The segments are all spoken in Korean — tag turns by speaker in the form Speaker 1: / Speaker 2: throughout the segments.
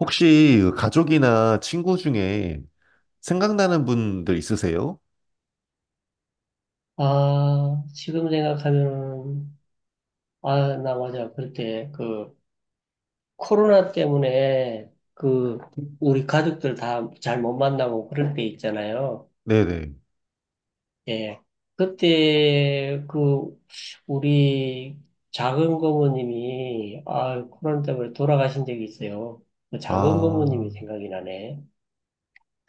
Speaker 1: 혹시 그 가족이나 친구 중에 생각나는 분들 있으세요?
Speaker 2: 아, 지금 생각하면, 아, 나 맞아. 그때 그 코로나 때문에 그 우리 가족들 다 잘 못 만나고 그럴 때 있잖아요.
Speaker 1: 네네.
Speaker 2: 예. 그때 그 우리 작은 고모님이 아, 코로나 때문에 돌아가신 적이 있어요. 그 작은
Speaker 1: 아,
Speaker 2: 고모님이 생각이 나네.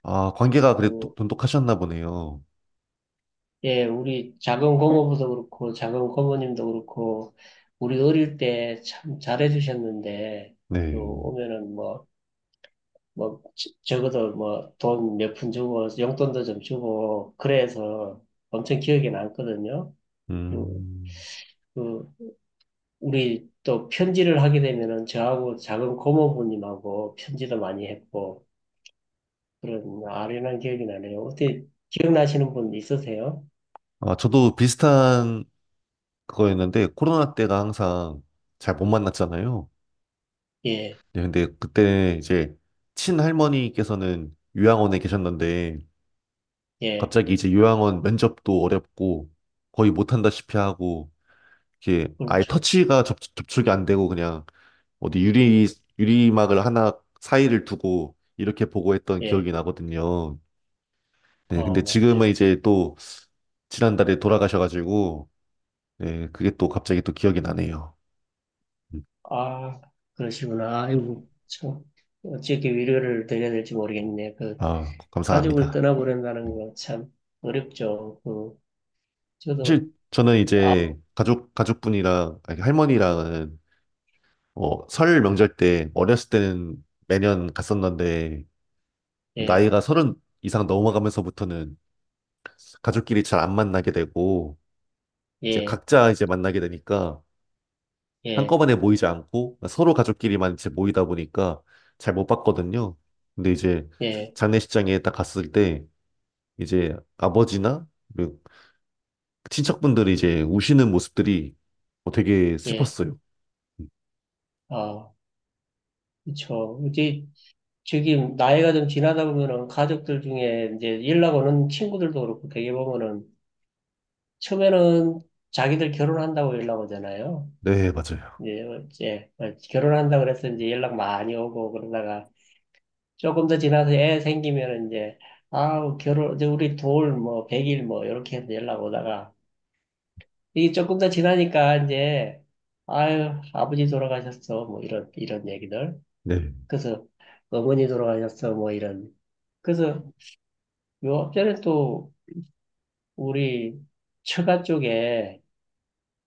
Speaker 1: 아, 관계가 그래도
Speaker 2: 음.
Speaker 1: 돈독하셨나 보네요.
Speaker 2: 예, 우리 작은 고모부도 그렇고, 작은 고모님도 그렇고, 우리 어릴 때 참 잘해주셨는데, 또
Speaker 1: 네.
Speaker 2: 오면은 뭐, 뭐, 적어도 뭐, 돈 몇 푼 주고, 용돈도 좀 주고, 그래서 엄청 기억에 남거든요. 그,
Speaker 1: 음,
Speaker 2: 그, 우리 또 편지를 하게 되면은 저하고 작은 고모부님하고 편지도 많이 했고, 그런 아련한 기억이 나네요. 어떻게 기억나시는 분 있으세요?
Speaker 1: 아, 저도 비슷한 그거였는데, 코로나 때가 항상 잘 못 만났잖아요.
Speaker 2: 예,
Speaker 1: 네, 근데 그때 이제 친할머니께서는 요양원에 계셨는데,
Speaker 2: 예,
Speaker 1: 갑자기 이제 요양원 면접도 어렵고, 거의 못한다시피 하고, 이렇게 아예
Speaker 2: 그렇죠.
Speaker 1: 터치가 접촉이 안 되고 그냥 어디 유리막을 하나 사이를 두고 이렇게 보고했던
Speaker 2: 예,
Speaker 1: 기억이 나거든요. 네,
Speaker 2: 어,
Speaker 1: 근데 지금은
Speaker 2: 맞아요.
Speaker 1: 이제 또 지난달에 돌아가셔가지고, 네, 그게 또 갑자기 또 기억이 나네요. 음.
Speaker 2: 아, 그러시구나. 아이고, 참, 어떻게 위로를 드려야 될지 모르겠네. 그,
Speaker 1: 아, 감사합니다.
Speaker 2: 가족을
Speaker 1: 네.
Speaker 2: 떠나보낸다는 거 참 어렵죠. 그, 저도,
Speaker 1: 사실 저는
Speaker 2: 아,
Speaker 1: 이제 가족분이랑, 아니, 할머니랑은 어, 설 명절 때 어렸을 때는 매년 갔었는데,
Speaker 2: 예,
Speaker 1: 나이가 서른 이상 넘어가면서부터는 가족끼리 잘 안 만나게 되고, 이제
Speaker 2: 예,
Speaker 1: 각자 이제 만나게 되니까,
Speaker 2: 예,
Speaker 1: 한꺼번에 모이지 않고 서로 가족끼리만 이제 모이다 보니까 잘 못 봤거든요. 근데 이제
Speaker 2: 예,
Speaker 1: 장례식장에 딱 갔을 때 이제 아버지나 그 친척분들이 이제 우시는 모습들이 어, 되게
Speaker 2: 예,
Speaker 1: 슬펐어요.
Speaker 2: 아, 그쵸. 이제, 저기, 나이가 좀 지나다 보면은 가족들 중에 이제 연락 오는 친구들도 그렇고 되게 보면은 처음에는 자기들 결혼한다고 연락 오잖아요.
Speaker 1: 네, 맞아요.
Speaker 2: 이제, 어, 예, 결혼한다고 그래서 이제 연락 많이 오고 그러다가 조금 더 지나서 애 생기면 이제 아우 결혼 이제 우리 돌 뭐 100일 뭐 이렇게 해서 연락 오다가 이게 조금 더 지나니까 이제 아유 아버지 돌아가셨어 뭐 이런 얘기들
Speaker 1: 네,
Speaker 2: 그래서 어머니 돌아가셨어 뭐 이런 그래서 요 앞전에 또 우리 처가 쪽에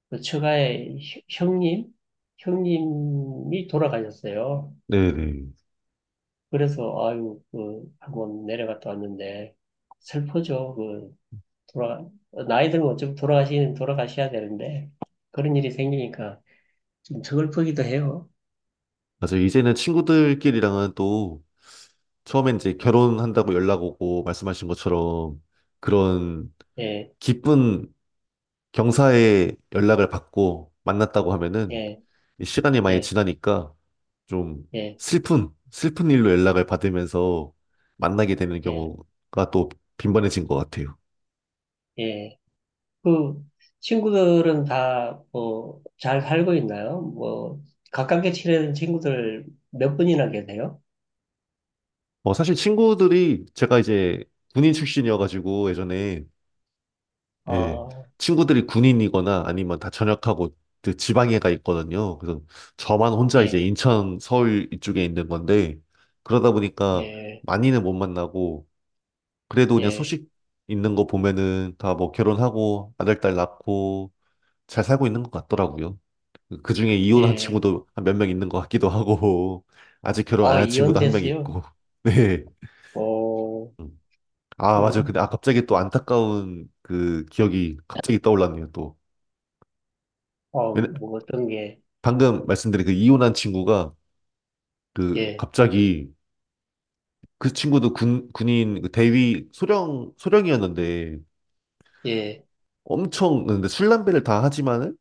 Speaker 2: 그 처가의 형님이 돌아가셨어요.
Speaker 1: 네, 네.
Speaker 2: 그래서 아유 그 한번 내려갔다 왔는데 슬프죠. 돌아, 나이 들면 어 돌아가셔야 되는데, 그런 일이 생기니까 좀 서글프기도 해요.
Speaker 1: 맞아요. 이제는 친구들끼리랑은 또 처음엔 이제 결혼한다고 연락 오고 말씀하신 것처럼 그런
Speaker 2: 예,
Speaker 1: 기쁜 경사에 연락을 받고 만났다고 하면은
Speaker 2: 예,
Speaker 1: 이 시간이 많이
Speaker 2: 예,
Speaker 1: 지나니까 좀
Speaker 2: 예,
Speaker 1: 슬픈 일로 연락을 받으면서 만나게 되는
Speaker 2: 예,
Speaker 1: 경우가 또 빈번해진 것 같아요.
Speaker 2: 예. 그, 친구들은 다, 뭐, 잘 살고 있나요? 뭐, 가깝게 지내는 친구들 몇 분이나 계세요?
Speaker 1: 어, 사실 친구들이 제가 이제 군인 출신이어가지고 예전에 예,
Speaker 2: 아,
Speaker 1: 친구들이 군인이거나 아니면 다 전역하고 그 지방에 가 있거든요. 그래서 저만 혼자 이제
Speaker 2: 예,
Speaker 1: 인천, 서울 이쪽에 있는 건데 그러다 보니까
Speaker 2: 예,
Speaker 1: 많이는 못 만나고 그래도 그냥
Speaker 2: 예,
Speaker 1: 소식 있는 거 보면은 다 뭐 결혼하고 아들, 딸 낳고 잘 살고 있는 것 같더라고요. 그 중에 이혼한
Speaker 2: 예.
Speaker 1: 친구도 한 몇 명 있는 것 같기도 하고, 아직 결혼 안
Speaker 2: 아,
Speaker 1: 한 친구도 한 명
Speaker 2: 이혼됐어요?
Speaker 1: 있고. 네.
Speaker 2: 어,
Speaker 1: 음. 아,
Speaker 2: 그,
Speaker 1: 맞아요. 근데 아, 갑자기 또 안타까운 그 기억이 갑자기 떠올랐네요, 또.
Speaker 2: 어,
Speaker 1: 왜냐-
Speaker 2: 뭐, 어떤 게,
Speaker 1: 방금 말씀드린 그 이혼한 친구가 그
Speaker 2: 예,
Speaker 1: 갑자기 그 친구도 군인 그 대위 소령이었는데
Speaker 2: 예,
Speaker 1: 엄청, 근데 술, 담배를 다 하지만은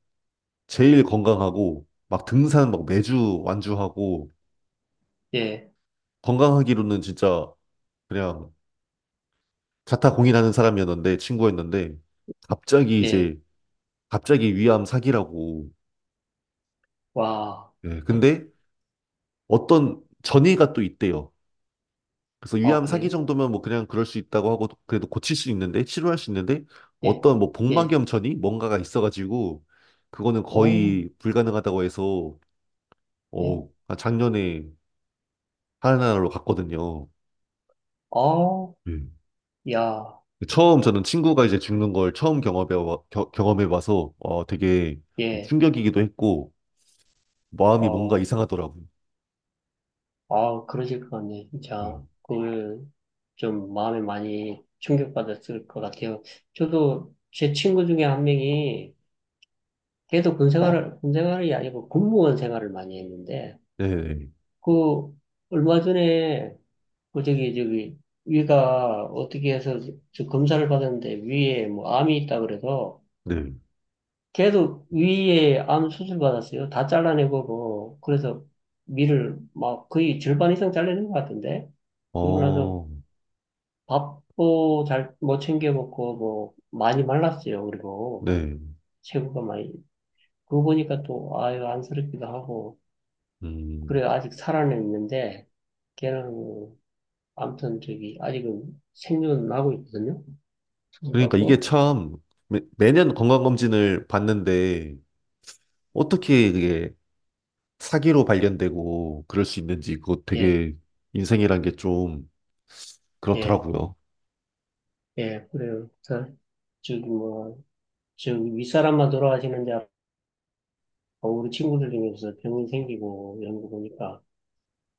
Speaker 1: 제일 건강하고 막 등산 막 매주 완주하고
Speaker 2: 예,
Speaker 1: 건강하기로는 진짜 그냥 자타 공인하는 사람이었는데 친구였는데 갑자기
Speaker 2: 예,
Speaker 1: 이제 갑자기 위암 사기라고.
Speaker 2: 와,
Speaker 1: 예. 근데 어떤 전이가 또 있대요. 그래서
Speaker 2: 아,
Speaker 1: 위암 사기
Speaker 2: 그래요?
Speaker 1: 정도면 뭐 그냥 그럴 수 있다고 하고 그래도 고칠 수 있는데, 치료할 수 있는데
Speaker 2: 예,
Speaker 1: 어떤 뭐
Speaker 2: 예,
Speaker 1: 복막염 전이 뭔가가 있어가지고 그거는
Speaker 2: 오,
Speaker 1: 거의 불가능하다고 해서
Speaker 2: 예,
Speaker 1: 어, 작년에 하나로 갔거든요.
Speaker 2: 어,
Speaker 1: 예.
Speaker 2: 야,
Speaker 1: 처음 저는 친구가 이제 죽는 걸 처음 경험해 봐서 어 되게 좀
Speaker 2: 예,
Speaker 1: 충격이기도 했고 마음이 뭔가
Speaker 2: 어,
Speaker 1: 이상하더라고요.
Speaker 2: 아, 그러실 것 같네. 진짜,
Speaker 1: 음.
Speaker 2: 그걸 좀 마음에 많이 충격받았을 것 같아요. 저도 제 친구 중에 한 명이 걔도 군 네, 생활을, 군 생활이 아니고 군무원 생활을 많이 했는데,
Speaker 1: 네,
Speaker 2: 그, 얼마 전에, 그 저기, 저기, 위가 어떻게 해서 저 검사를 받았는데 위에 뭐 암이 있다 그래서
Speaker 1: 네,
Speaker 2: 계속 위에 암 수술 받았어요. 다 잘라내고, 뭐, 그래서 위를 막 거의 절반 이상 잘라낸 것 같은데? 그러고 나서
Speaker 1: 어,
Speaker 2: 밥도 잘 못 챙겨 먹고, 뭐, 많이 말랐어요. 그리고
Speaker 1: 네,
Speaker 2: 체구가 많이. 그거 보니까 또, 아유, 안쓰럽기도 하고.
Speaker 1: 음.
Speaker 2: 그래, 아직 살아는 있는데, 걔는, 아무튼 저기, 아직은 생존은 하고 있거든요. 수술
Speaker 1: 그러니까 이게
Speaker 2: 받고.
Speaker 1: 참 매년 건강검진을 받는데 어떻게 그게 사기로 발견되고 그럴 수 있는지 그거
Speaker 2: 예,
Speaker 1: 되게 인생이란 게 좀
Speaker 2: 예,
Speaker 1: 그렇더라고요.
Speaker 2: 예, 그래요. 저, 저기 뭐, 저 윗사람만 돌아가시는데 우리 친구들 중에서 병이 생기고 이런 거 보니까,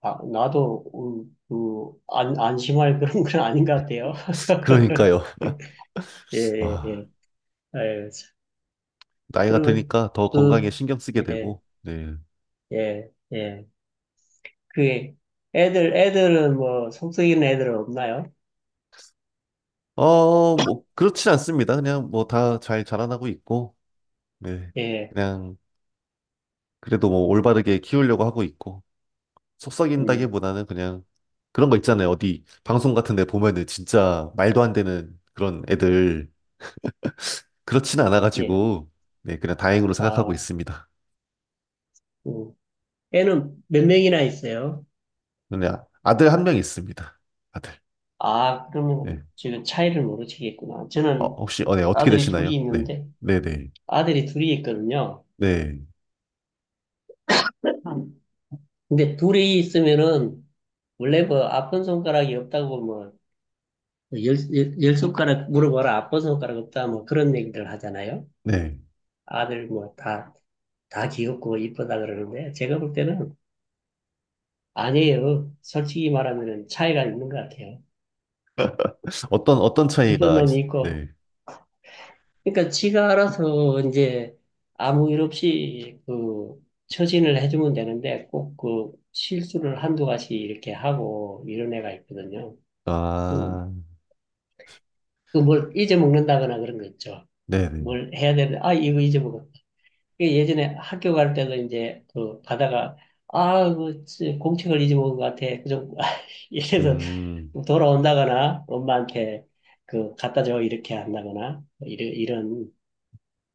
Speaker 2: 아, 나도, 그, 안, 안심할 그런 건 아닌 것 같아요.
Speaker 1: 그러니까요.
Speaker 2: 예, 예,
Speaker 1: 아,
Speaker 2: 예. 아유, 참.
Speaker 1: 나이가
Speaker 2: 그리고,
Speaker 1: 드니까 더 건강에
Speaker 2: 그,
Speaker 1: 신경 쓰게
Speaker 2: 예,
Speaker 1: 되고, 네.
Speaker 2: 예, 예. 그게, 애들, 애들은 뭐, 속썩이는 애들은 없나요?
Speaker 1: 어, 뭐, 그렇진 않습니다. 그냥 뭐 다 잘 자라나고 있고, 네.
Speaker 2: 예,
Speaker 1: 그냥, 그래도 뭐 올바르게 키우려고 하고 있고,
Speaker 2: 음,
Speaker 1: 속썩인다기보다는 그냥 그런 거 있잖아요. 어디 방송 같은 데 보면은 진짜 말도 안 되는 그런 애들, 그렇진
Speaker 2: 예.
Speaker 1: 않아가지고, 네, 그냥 다행으로 생각하고
Speaker 2: 아,
Speaker 1: 있습니다.
Speaker 2: 음. 애는 몇 명이나 있어요?
Speaker 1: 네, 아들 한 명 있습니다. 아들.
Speaker 2: 아,
Speaker 1: 네.
Speaker 2: 그러면 지금 차이를 모르시겠구나.
Speaker 1: 어,
Speaker 2: 저는
Speaker 1: 혹시, 어, 네, 어떻게
Speaker 2: 아들이
Speaker 1: 되시나요?
Speaker 2: 둘이
Speaker 1: 네.
Speaker 2: 있는데,
Speaker 1: 네네.
Speaker 2: 아들이 둘이 있거든요.
Speaker 1: 네.
Speaker 2: 근데 둘이 있으면은 원래 뭐 아픈 손가락이 없다고 뭐열 열 손가락 물어봐라 아픈 손가락 없다 뭐 그런 얘기들 하잖아요.
Speaker 1: 네. 네.
Speaker 2: 아들 뭐 다 귀엽고 이쁘다 그러는데 제가 볼 때는 아니에요. 솔직히 말하면은 차이가 있는 것 같아요.
Speaker 1: 어떤, 어떤
Speaker 2: 이쁜
Speaker 1: 차이가 있...
Speaker 2: 놈이 있고
Speaker 1: 네.
Speaker 2: 그러니까 지가 알아서 이제 아무 일 없이 그 처신을 해주면 되는데 꼭 그 실수를 한두 가지 이렇게 하고 이런 애가 있거든요. 음,
Speaker 1: 아,
Speaker 2: 그 뭘 잊어먹는다거나 그런 거 있죠.
Speaker 1: 네네.
Speaker 2: 뭘 해야 되는데, 아, 이거 잊어먹었다. 그 예전에 학교 갈 때도 이제 그 가다가, 아, 그 공책을 잊어먹은 것 같아. 그 좀, 이래서
Speaker 1: 음.
Speaker 2: 돌아온다거나 엄마한테 그 갖다 줘. 이렇게 한다거나, 뭐 이런, 이런.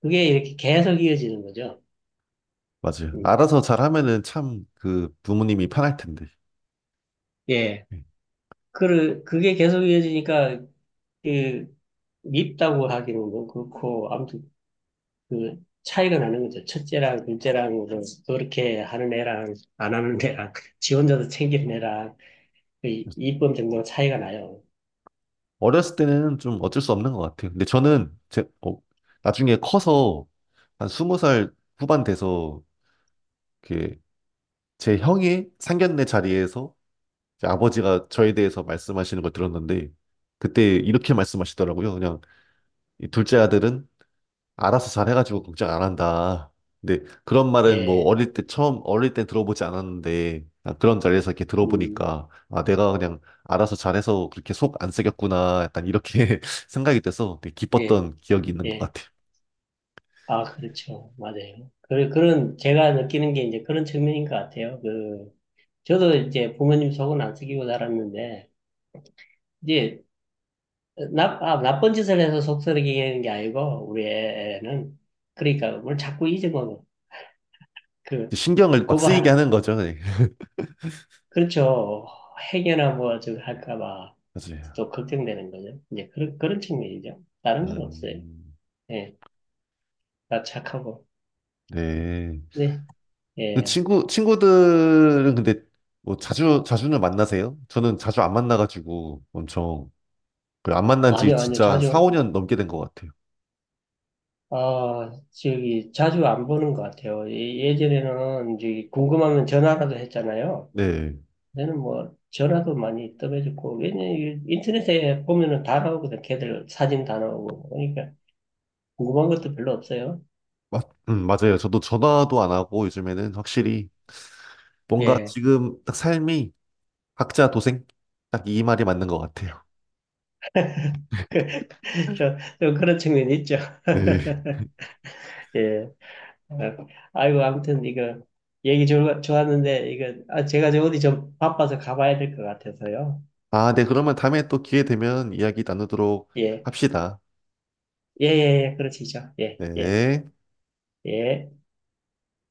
Speaker 2: 그게 이렇게 계속 이어지는 거죠.
Speaker 1: 맞아요.
Speaker 2: 음.
Speaker 1: 알아서 잘하면은 참 그 부모님이 편할 텐데.
Speaker 2: 예.
Speaker 1: 예.
Speaker 2: 그, 그게 계속 이어지니까, 그, 밉다고 하기는 뭐 그렇고, 아무튼 그 차이가 나는 거죠. 첫째랑 둘째랑 그 그렇게 하는 애랑 안 하는 애랑 지 혼자서 챙기는 애랑 그 이쁨 정도가 차이가 나요.
Speaker 1: 어렸을 때는 좀 어쩔 수 없는 것 같아요. 근데 저는 제, 어, 나중에 커서 한 스무 살 후반 돼서 이렇게 제 형이 상견례 자리에서 이제 아버지가 저에 대해서 말씀하시는 걸 들었는데 그때 이렇게 말씀하시더라고요. 그냥 이 둘째 아들은 알아서 잘해가지고 걱정 안 한다. 근데 그런 말은 뭐
Speaker 2: 예,
Speaker 1: 어릴 때 처음 어릴 때 들어보지 않았는데, 아, 그런 자리에서 이렇게
Speaker 2: 음,
Speaker 1: 들어보니까 아, 내가 그냥 알아서 잘해서 그렇게 속 안 쓰였구나 약간 이렇게 생각이 돼서 되게
Speaker 2: 예,
Speaker 1: 기뻤던 기억이 있는 것
Speaker 2: 예.
Speaker 1: 같아요.
Speaker 2: 아, 그렇죠. 맞아요. 그, 그런 제가 느끼는 게 이제 그런 측면인 것 같아요. 그 저도 이제 부모님 속은 안 썩이고 살았는데 이제 나, 아, 나쁜 짓을 해서 속썩이는 게 아니고 우리 애는 그러니까 뭘 자꾸 잊어먹어. 그
Speaker 1: 신경을 막
Speaker 2: 그거
Speaker 1: 쓰이게
Speaker 2: 하나.
Speaker 1: 하는 거죠. 네.
Speaker 2: 그렇죠. 해계나 뭐, 저기 할까봐
Speaker 1: 맞아요.
Speaker 2: 또 걱정되는 거죠. 이제 그런, 그런 측면이죠. 다른 건 없어요.
Speaker 1: 음,
Speaker 2: 예, 다 착하고.
Speaker 1: 네.
Speaker 2: 네,
Speaker 1: 근데
Speaker 2: 예.
Speaker 1: 친구들은 근데 뭐 자주 자주는 만나세요? 저는 자주 안 만나가지고 엄청 그안 만난 지
Speaker 2: 아니요, 아니요.
Speaker 1: 진짜 한 4,
Speaker 2: 자주,
Speaker 1: 5년 넘게 된 것 같아요.
Speaker 2: 아, 저기, 자주 안 보는 것 같아요. 예- 예전에는 이제 궁금하면 전화라도 했잖아요.
Speaker 1: 네.
Speaker 2: 저는 뭐, 전화도 많이 떠매줬고, 왜냐면 이게 인터넷에 보면은 다 나오거든. 걔들 사진 다 나오고. 그러니까 궁금한 것도 별로 없어요.
Speaker 1: 맞아요. 저도 전화도 안 하고 요즘에는 확실히 뭔가
Speaker 2: 예.
Speaker 1: 지금 딱 삶이 각자 도생? 딱 이 말이 맞는 것 같아요.
Speaker 2: 그, 저, 저 그런 측면이 있죠.
Speaker 1: 네.
Speaker 2: 예. 아, 아이고, 아무튼 이거 얘기 좋았는데 이거 아, 제가 저 어디 좀 바빠서 가봐야 될 것 같아서요.
Speaker 1: 아, 네. 그러면 다음에 또 기회 되면 이야기 나누도록
Speaker 2: 예.
Speaker 1: 합시다.
Speaker 2: 예, 예, 예. 그러시죠. 예, 예,
Speaker 1: 네.
Speaker 2: 예.